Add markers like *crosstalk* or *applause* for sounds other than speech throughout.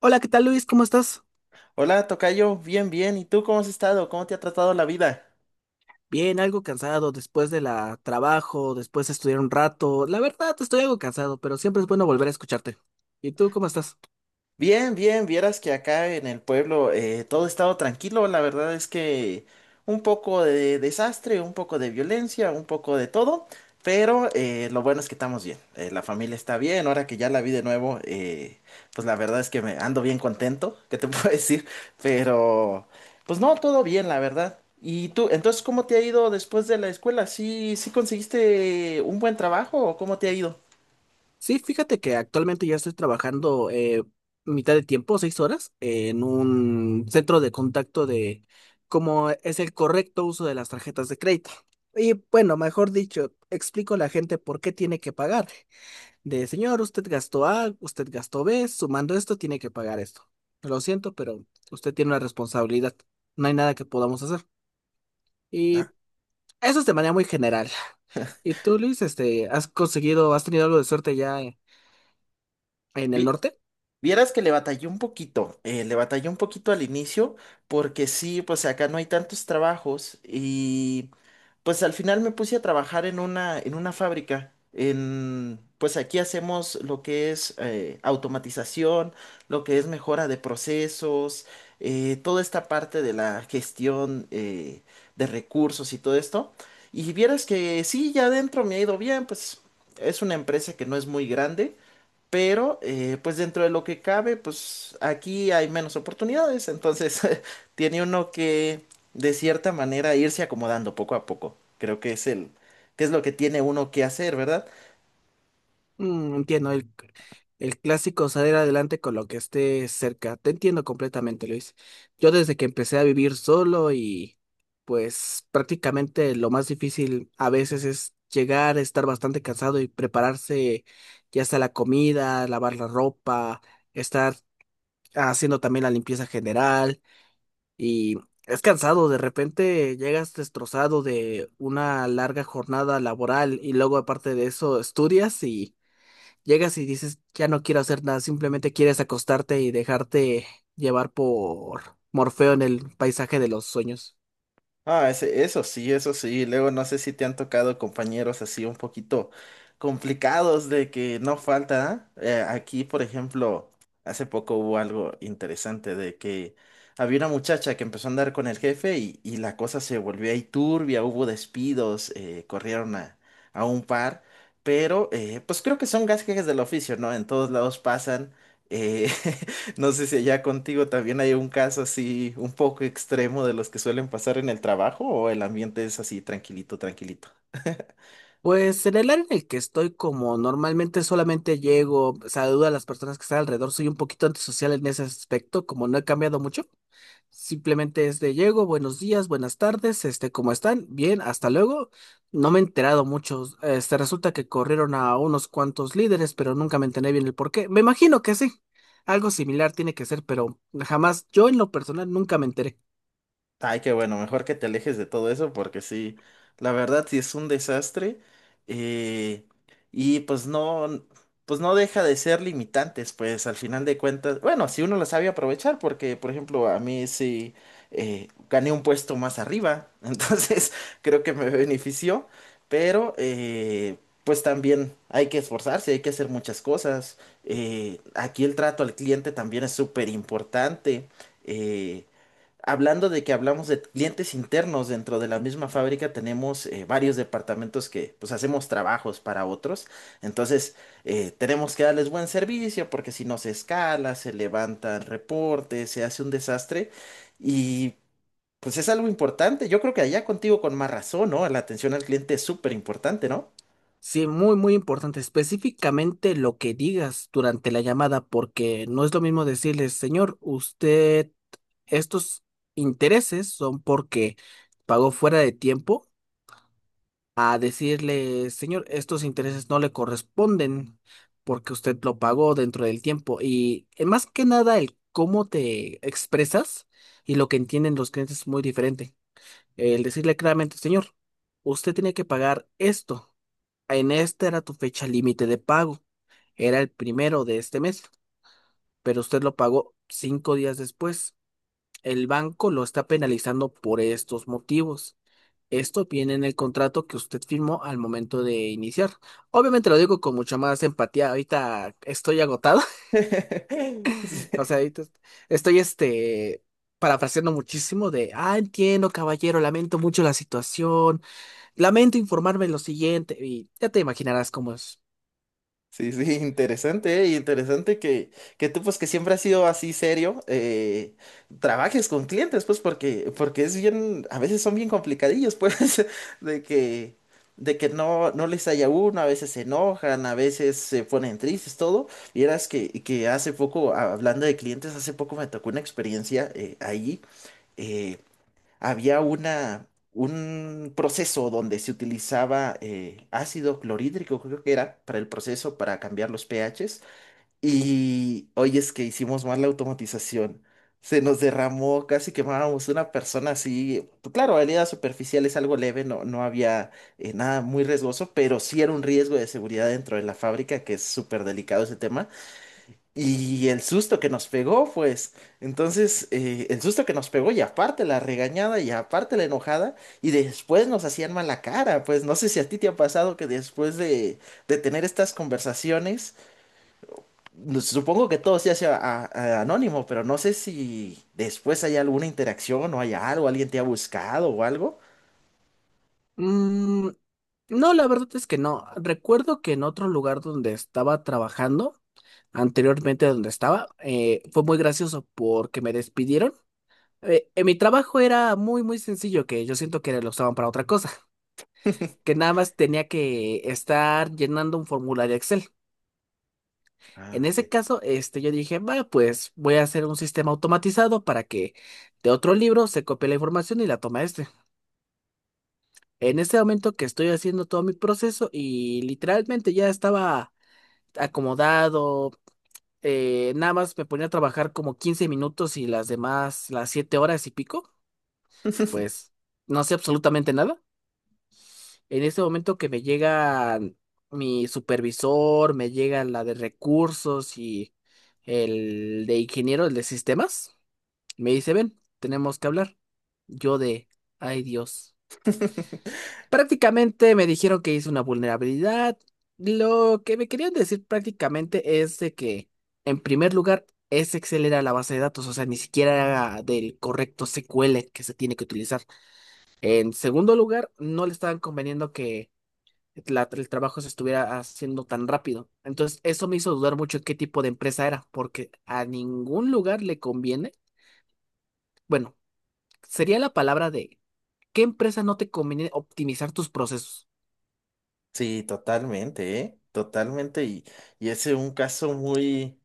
Hola, ¿qué tal Luis? ¿Cómo estás? Hola, tocayo, bien, bien. ¿Y tú cómo has estado? ¿Cómo te ha tratado la vida? Bien, algo cansado después de la trabajo, después de estudiar un rato. La verdad, estoy algo cansado, pero siempre es bueno volver a escucharte. ¿Y tú cómo estás? Bien, bien. Vieras que acá en el pueblo todo ha estado tranquilo. La verdad es que un poco de desastre, un poco de violencia, un poco de todo. Pero lo bueno es que estamos bien. La familia está bien. Ahora que ya la vi de nuevo, pues la verdad es que me ando bien contento. ¿Qué te *laughs* puedo decir? Pero, pues no, todo bien, la verdad. ¿Y tú, entonces, cómo te ha ido después de la escuela? ¿Sí, conseguiste un buen trabajo o cómo te ha ido? Sí, fíjate que actualmente ya estoy trabajando mitad de tiempo, 6 horas, en un centro de contacto de cómo es el correcto uso de las tarjetas de crédito. Y bueno, mejor dicho, explico a la gente por qué tiene que pagar. De, señor, usted gastó A, usted gastó B, sumando esto tiene que pagar esto. Lo siento, pero usted tiene una responsabilidad. No hay nada que podamos hacer. Y Ah, eso es de manera muy general. ¿Y tú, Luis, este, has conseguido, has tenido algo de suerte ya en el vi- norte? Vieras que le batallé un poquito, le batallé un poquito al inicio, porque sí, pues acá no hay tantos trabajos y pues al final me puse a trabajar en una fábrica. En, pues aquí hacemos lo que es automatización, lo que es mejora de procesos, toda esta parte de la gestión de recursos y todo esto. Y vieras que sí, ya adentro me ha ido bien, pues es una empresa que no es muy grande. Pero, pues dentro de lo que cabe, pues aquí hay menos oportunidades, entonces *laughs* tiene uno que, de cierta manera, irse acomodando poco a poco. Creo que que es lo que tiene uno que hacer, ¿verdad? Mm, entiendo, el clásico salir adelante con lo que esté cerca. Te entiendo completamente, Luis. Yo desde que empecé a vivir solo y pues prácticamente lo más difícil a veces es llegar, estar bastante cansado y prepararse ya sea la comida, lavar la ropa, estar haciendo también la limpieza general y es cansado, de repente llegas destrozado de una larga jornada laboral y luego aparte de eso estudias y... Llegas y dices, ya no quiero hacer nada, simplemente quieres acostarte y dejarte llevar por Morfeo en el paisaje de los sueños. Ah, eso sí, eso sí. Luego no sé si te han tocado compañeros así un poquito complicados de que no falta. ¿Eh? Aquí, por ejemplo, hace poco hubo algo interesante de que había una muchacha que empezó a andar con el jefe y la cosa se volvió ahí turbia, hubo despidos, corrieron a un par, pero pues creo que son gajes del oficio, ¿no? En todos lados pasan. eh, *laughs* No sé si allá contigo también hay un caso así un poco extremo de los que suelen pasar en el trabajo o el ambiente es así tranquilito, tranquilito. Pues en el área en el que estoy, como normalmente solamente llego, saludo a las personas que están alrededor, soy un poquito antisocial en ese aspecto, como no he cambiado mucho. Simplemente es de llego, buenos días, buenas tardes, este, ¿cómo están? Bien, hasta luego. No me he enterado mucho. Este, resulta que corrieron a unos cuantos líderes, pero nunca me enteré bien el por qué. Me imagino que sí. Algo similar tiene que ser, pero jamás, yo en lo personal nunca me enteré. Ay, qué bueno, mejor que te alejes de todo eso porque sí, la verdad sí es un desastre eh, y pues no deja de ser limitantes, pues al final de cuentas, bueno, si uno lo sabe aprovechar porque, por ejemplo, a mí sí gané un puesto más arriba, *laughs* entonces creo que me benefició, pero pues también hay que esforzarse, hay que hacer muchas cosas, aquí el trato al cliente también es súper importante. Hablando de que hablamos de clientes internos dentro de la misma fábrica, tenemos varios departamentos que pues hacemos trabajos para otros. Entonces, tenemos que darles buen servicio porque si no se escala, se levantan reportes, se hace un desastre y pues es algo importante. Yo creo que allá contigo con más razón, ¿no? La atención al cliente es súper importante, ¿no? Sí, muy, muy importante. Específicamente lo que digas durante la llamada, porque no es lo mismo decirles, señor, usted, estos intereses son porque pagó fuera de tiempo a decirle, señor, estos intereses no le corresponden porque usted lo pagó dentro del tiempo. Y más que nada, el cómo te expresas y lo que entienden los clientes es muy diferente. El decirle claramente, señor, usted tiene que pagar esto. En esta era tu fecha límite de pago. Era el primero de este mes, pero usted lo pagó 5 días después. El banco lo está penalizando por estos motivos. Esto viene en el contrato que usted firmó al momento de iniciar. Obviamente lo digo con mucha más empatía. Ahorita estoy agotado. *laughs* *laughs* Sí. O sea, estoy este parafraseando muchísimo de, ah, entiendo, caballero, lamento mucho la situación. Lamento informarme lo siguiente. Y ya te imaginarás cómo es. Sí, sí, *laughs* interesante, ¿eh? Y interesante que tú, pues, que siempre has sido así serio, trabajes con clientes, pues, porque, porque es bien, a veces son bien complicadillos, pues, *laughs* de que, de que no, no les haya uno, a veces se enojan, a veces se ponen tristes, todo. Vieras que hace poco, hablando de clientes, hace poco me tocó una experiencia ahí. eh, Había un proceso donde se utilizaba ácido clorhídrico, creo que era, para el proceso, para cambiar los pHs. Y hoy es que hicimos mal la automatización. Se nos derramó, casi quemábamos una persona así, pues. Claro, heridas superficiales, algo leve, no, no había nada muy riesgoso, pero sí era un riesgo de seguridad dentro de la fábrica, que es súper delicado ese tema. Y el susto que nos pegó, pues. Entonces, el susto que nos pegó, y aparte la regañada, y aparte la enojada, y después nos hacían mala cara. Pues no sé si a ti te ha pasado que después de tener estas conversaciones, supongo que todo se hace anónimo, pero no sé si después hay alguna interacción o hay algo, alguien te ha buscado o algo. Mm, no, la verdad es que no. Recuerdo que en otro lugar donde estaba trabajando, anteriormente donde estaba, fue muy gracioso porque me despidieron. Mi trabajo era muy, muy sencillo, que yo siento que lo usaban para otra cosa, *laughs* *laughs* que nada más tenía que estar llenando un formulario Excel. En Ah, ese ok. caso, este, yo dije, va, pues voy a hacer un sistema automatizado para que de otro libro se copie la información y la toma este. En ese momento que estoy haciendo todo mi proceso y literalmente ya estaba acomodado, nada más me ponía a trabajar como 15 minutos y las demás, las 7 horas y pico, pues no sé absolutamente nada. En este momento que me llega mi supervisor, me llega la de recursos y el de ingeniero, el de sistemas, me dice, ven, tenemos que hablar. Yo de, ay Dios. Prácticamente me dijeron que hice una vulnerabilidad. Lo que me querían decir prácticamente es de que, en primer lugar, es Excel era la base de datos, o sea, ni siquiera era del correcto SQL que se tiene que utilizar. En segundo lugar, no le estaban conveniendo que el trabajo se estuviera haciendo tan rápido. Entonces, eso me hizo dudar mucho qué tipo de empresa era, porque a ningún lugar le conviene, bueno, sería la palabra de qué empresa no te conviene optimizar tus procesos. Sí, totalmente, ¿eh? Totalmente. Y ese es un caso muy.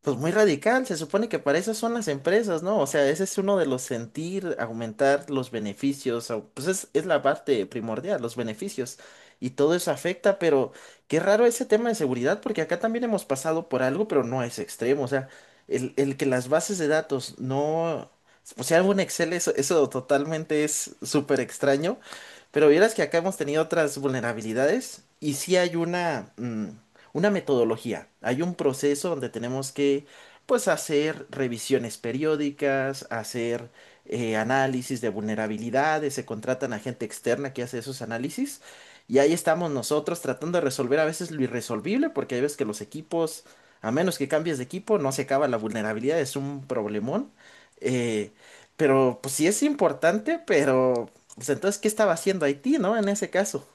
Pues muy radical, se supone que para eso son las empresas, ¿no? O sea, ese es uno de los sentir, aumentar los beneficios, pues es la parte primordial, los beneficios, y todo eso afecta, pero qué raro ese tema de seguridad, porque acá también hemos pasado por algo, pero no es extremo, o sea, el que las bases de datos no, o sea, algo en Excel, eso totalmente es súper extraño, pero vieras que acá hemos tenido otras vulnerabilidades, y sí hay una una metodología. Hay un proceso donde tenemos que, pues, hacer revisiones periódicas, hacer análisis de vulnerabilidades, se contratan a gente externa que hace esos análisis. Y ahí estamos nosotros tratando de resolver a veces lo irresolvible, porque hay veces que los equipos, a menos que cambies de equipo, no se acaba la vulnerabilidad, es un problemón. Eh, pero pues sí es importante, pero pues entonces, ¿qué estaba haciendo Haití, no? En ese caso.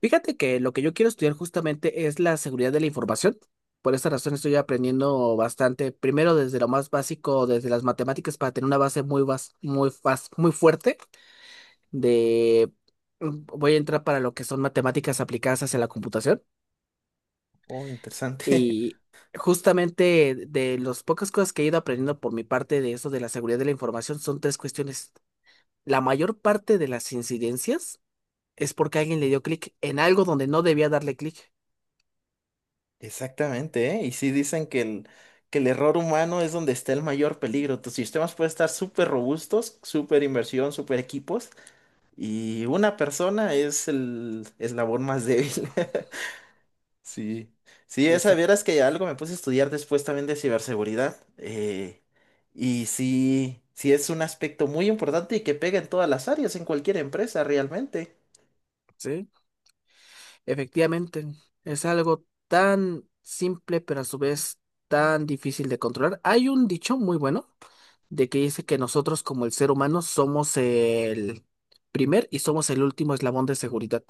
Fíjate que lo que yo quiero estudiar justamente es la seguridad de la información. Por esa razón estoy aprendiendo bastante, primero desde lo más básico, desde las matemáticas, para tener una base muy, muy, muy fuerte de... Voy a entrar para lo que son matemáticas aplicadas hacia la computación. Oh, interesante. Y justamente de las pocas cosas que he ido aprendiendo por mi parte de eso de la seguridad de la información son tres cuestiones. La mayor parte de las incidencias es porque alguien le dio clic en algo donde no debía darle clic. Exactamente, ¿eh? Y sí dicen que el error humano es donde está el mayor peligro. Tus sistemas pueden estar súper robustos, súper inversión, súper equipos, y una persona es el eslabón más débil. *laughs* Sí, sí, esa Exacto, vieras que algo me puse a estudiar después también de ciberseguridad. Y sí, sí es un aspecto muy importante y que pega en todas las áreas, en cualquier empresa realmente. sí. Efectivamente, es algo tan simple, pero a su vez tan difícil de controlar. Hay un dicho muy bueno de que dice que nosotros como el ser humano somos el primer y somos el último eslabón de seguridad,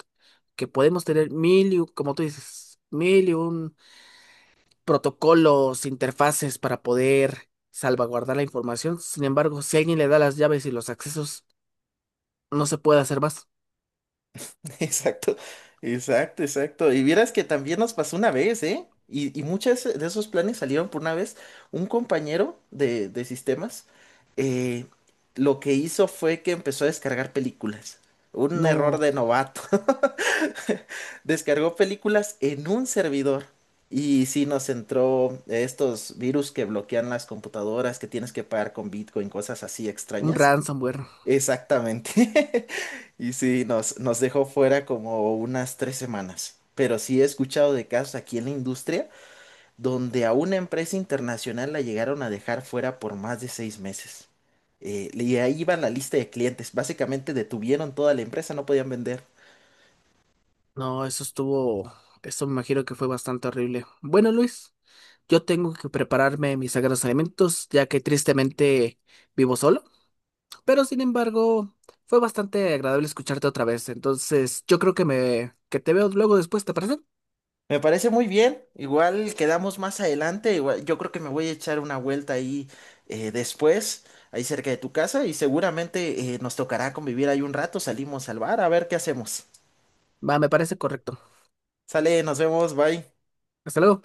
que podemos tener mil y, como tú dices, mil y un protocolos, interfaces para poder salvaguardar la información. Sin embargo, si alguien le da las llaves y los accesos, no se puede hacer más. *laughs* Exacto, exacto, exacto. Y vieras que también nos pasó una vez, ¿eh? Y muchos de esos planes salieron por una vez. Un compañero de sistemas eh, lo que hizo fue que empezó a descargar películas. Un error No, de novato. *laughs* Descargó películas en un servidor. Y sí nos entró estos virus que bloquean las computadoras, que tienes que pagar con Bitcoin, cosas así un extrañas. ransomware. Exactamente. *laughs* Y sí, nos, nos dejó fuera como unas 3 semanas. Pero sí he escuchado de casos aquí en la industria donde a una empresa internacional la llegaron a dejar fuera por más de 6 meses. Y ahí iba la lista de clientes. Básicamente detuvieron toda la empresa, no podían vender. No, eso estuvo, eso me imagino que fue bastante horrible. Bueno, Luis, yo tengo que prepararme mis sagrados alimentos, ya que tristemente vivo solo. Pero sin embargo, fue bastante agradable escucharte otra vez. Entonces, yo creo que me que te veo luego después, ¿te parece? Me parece muy bien. Igual quedamos más adelante. Igual, yo creo que me voy a echar una vuelta ahí después, ahí cerca de tu casa, y seguramente nos tocará convivir ahí un rato. Salimos al bar a ver qué hacemos. Va, me parece correcto. Sale, nos vemos, bye. Hasta luego.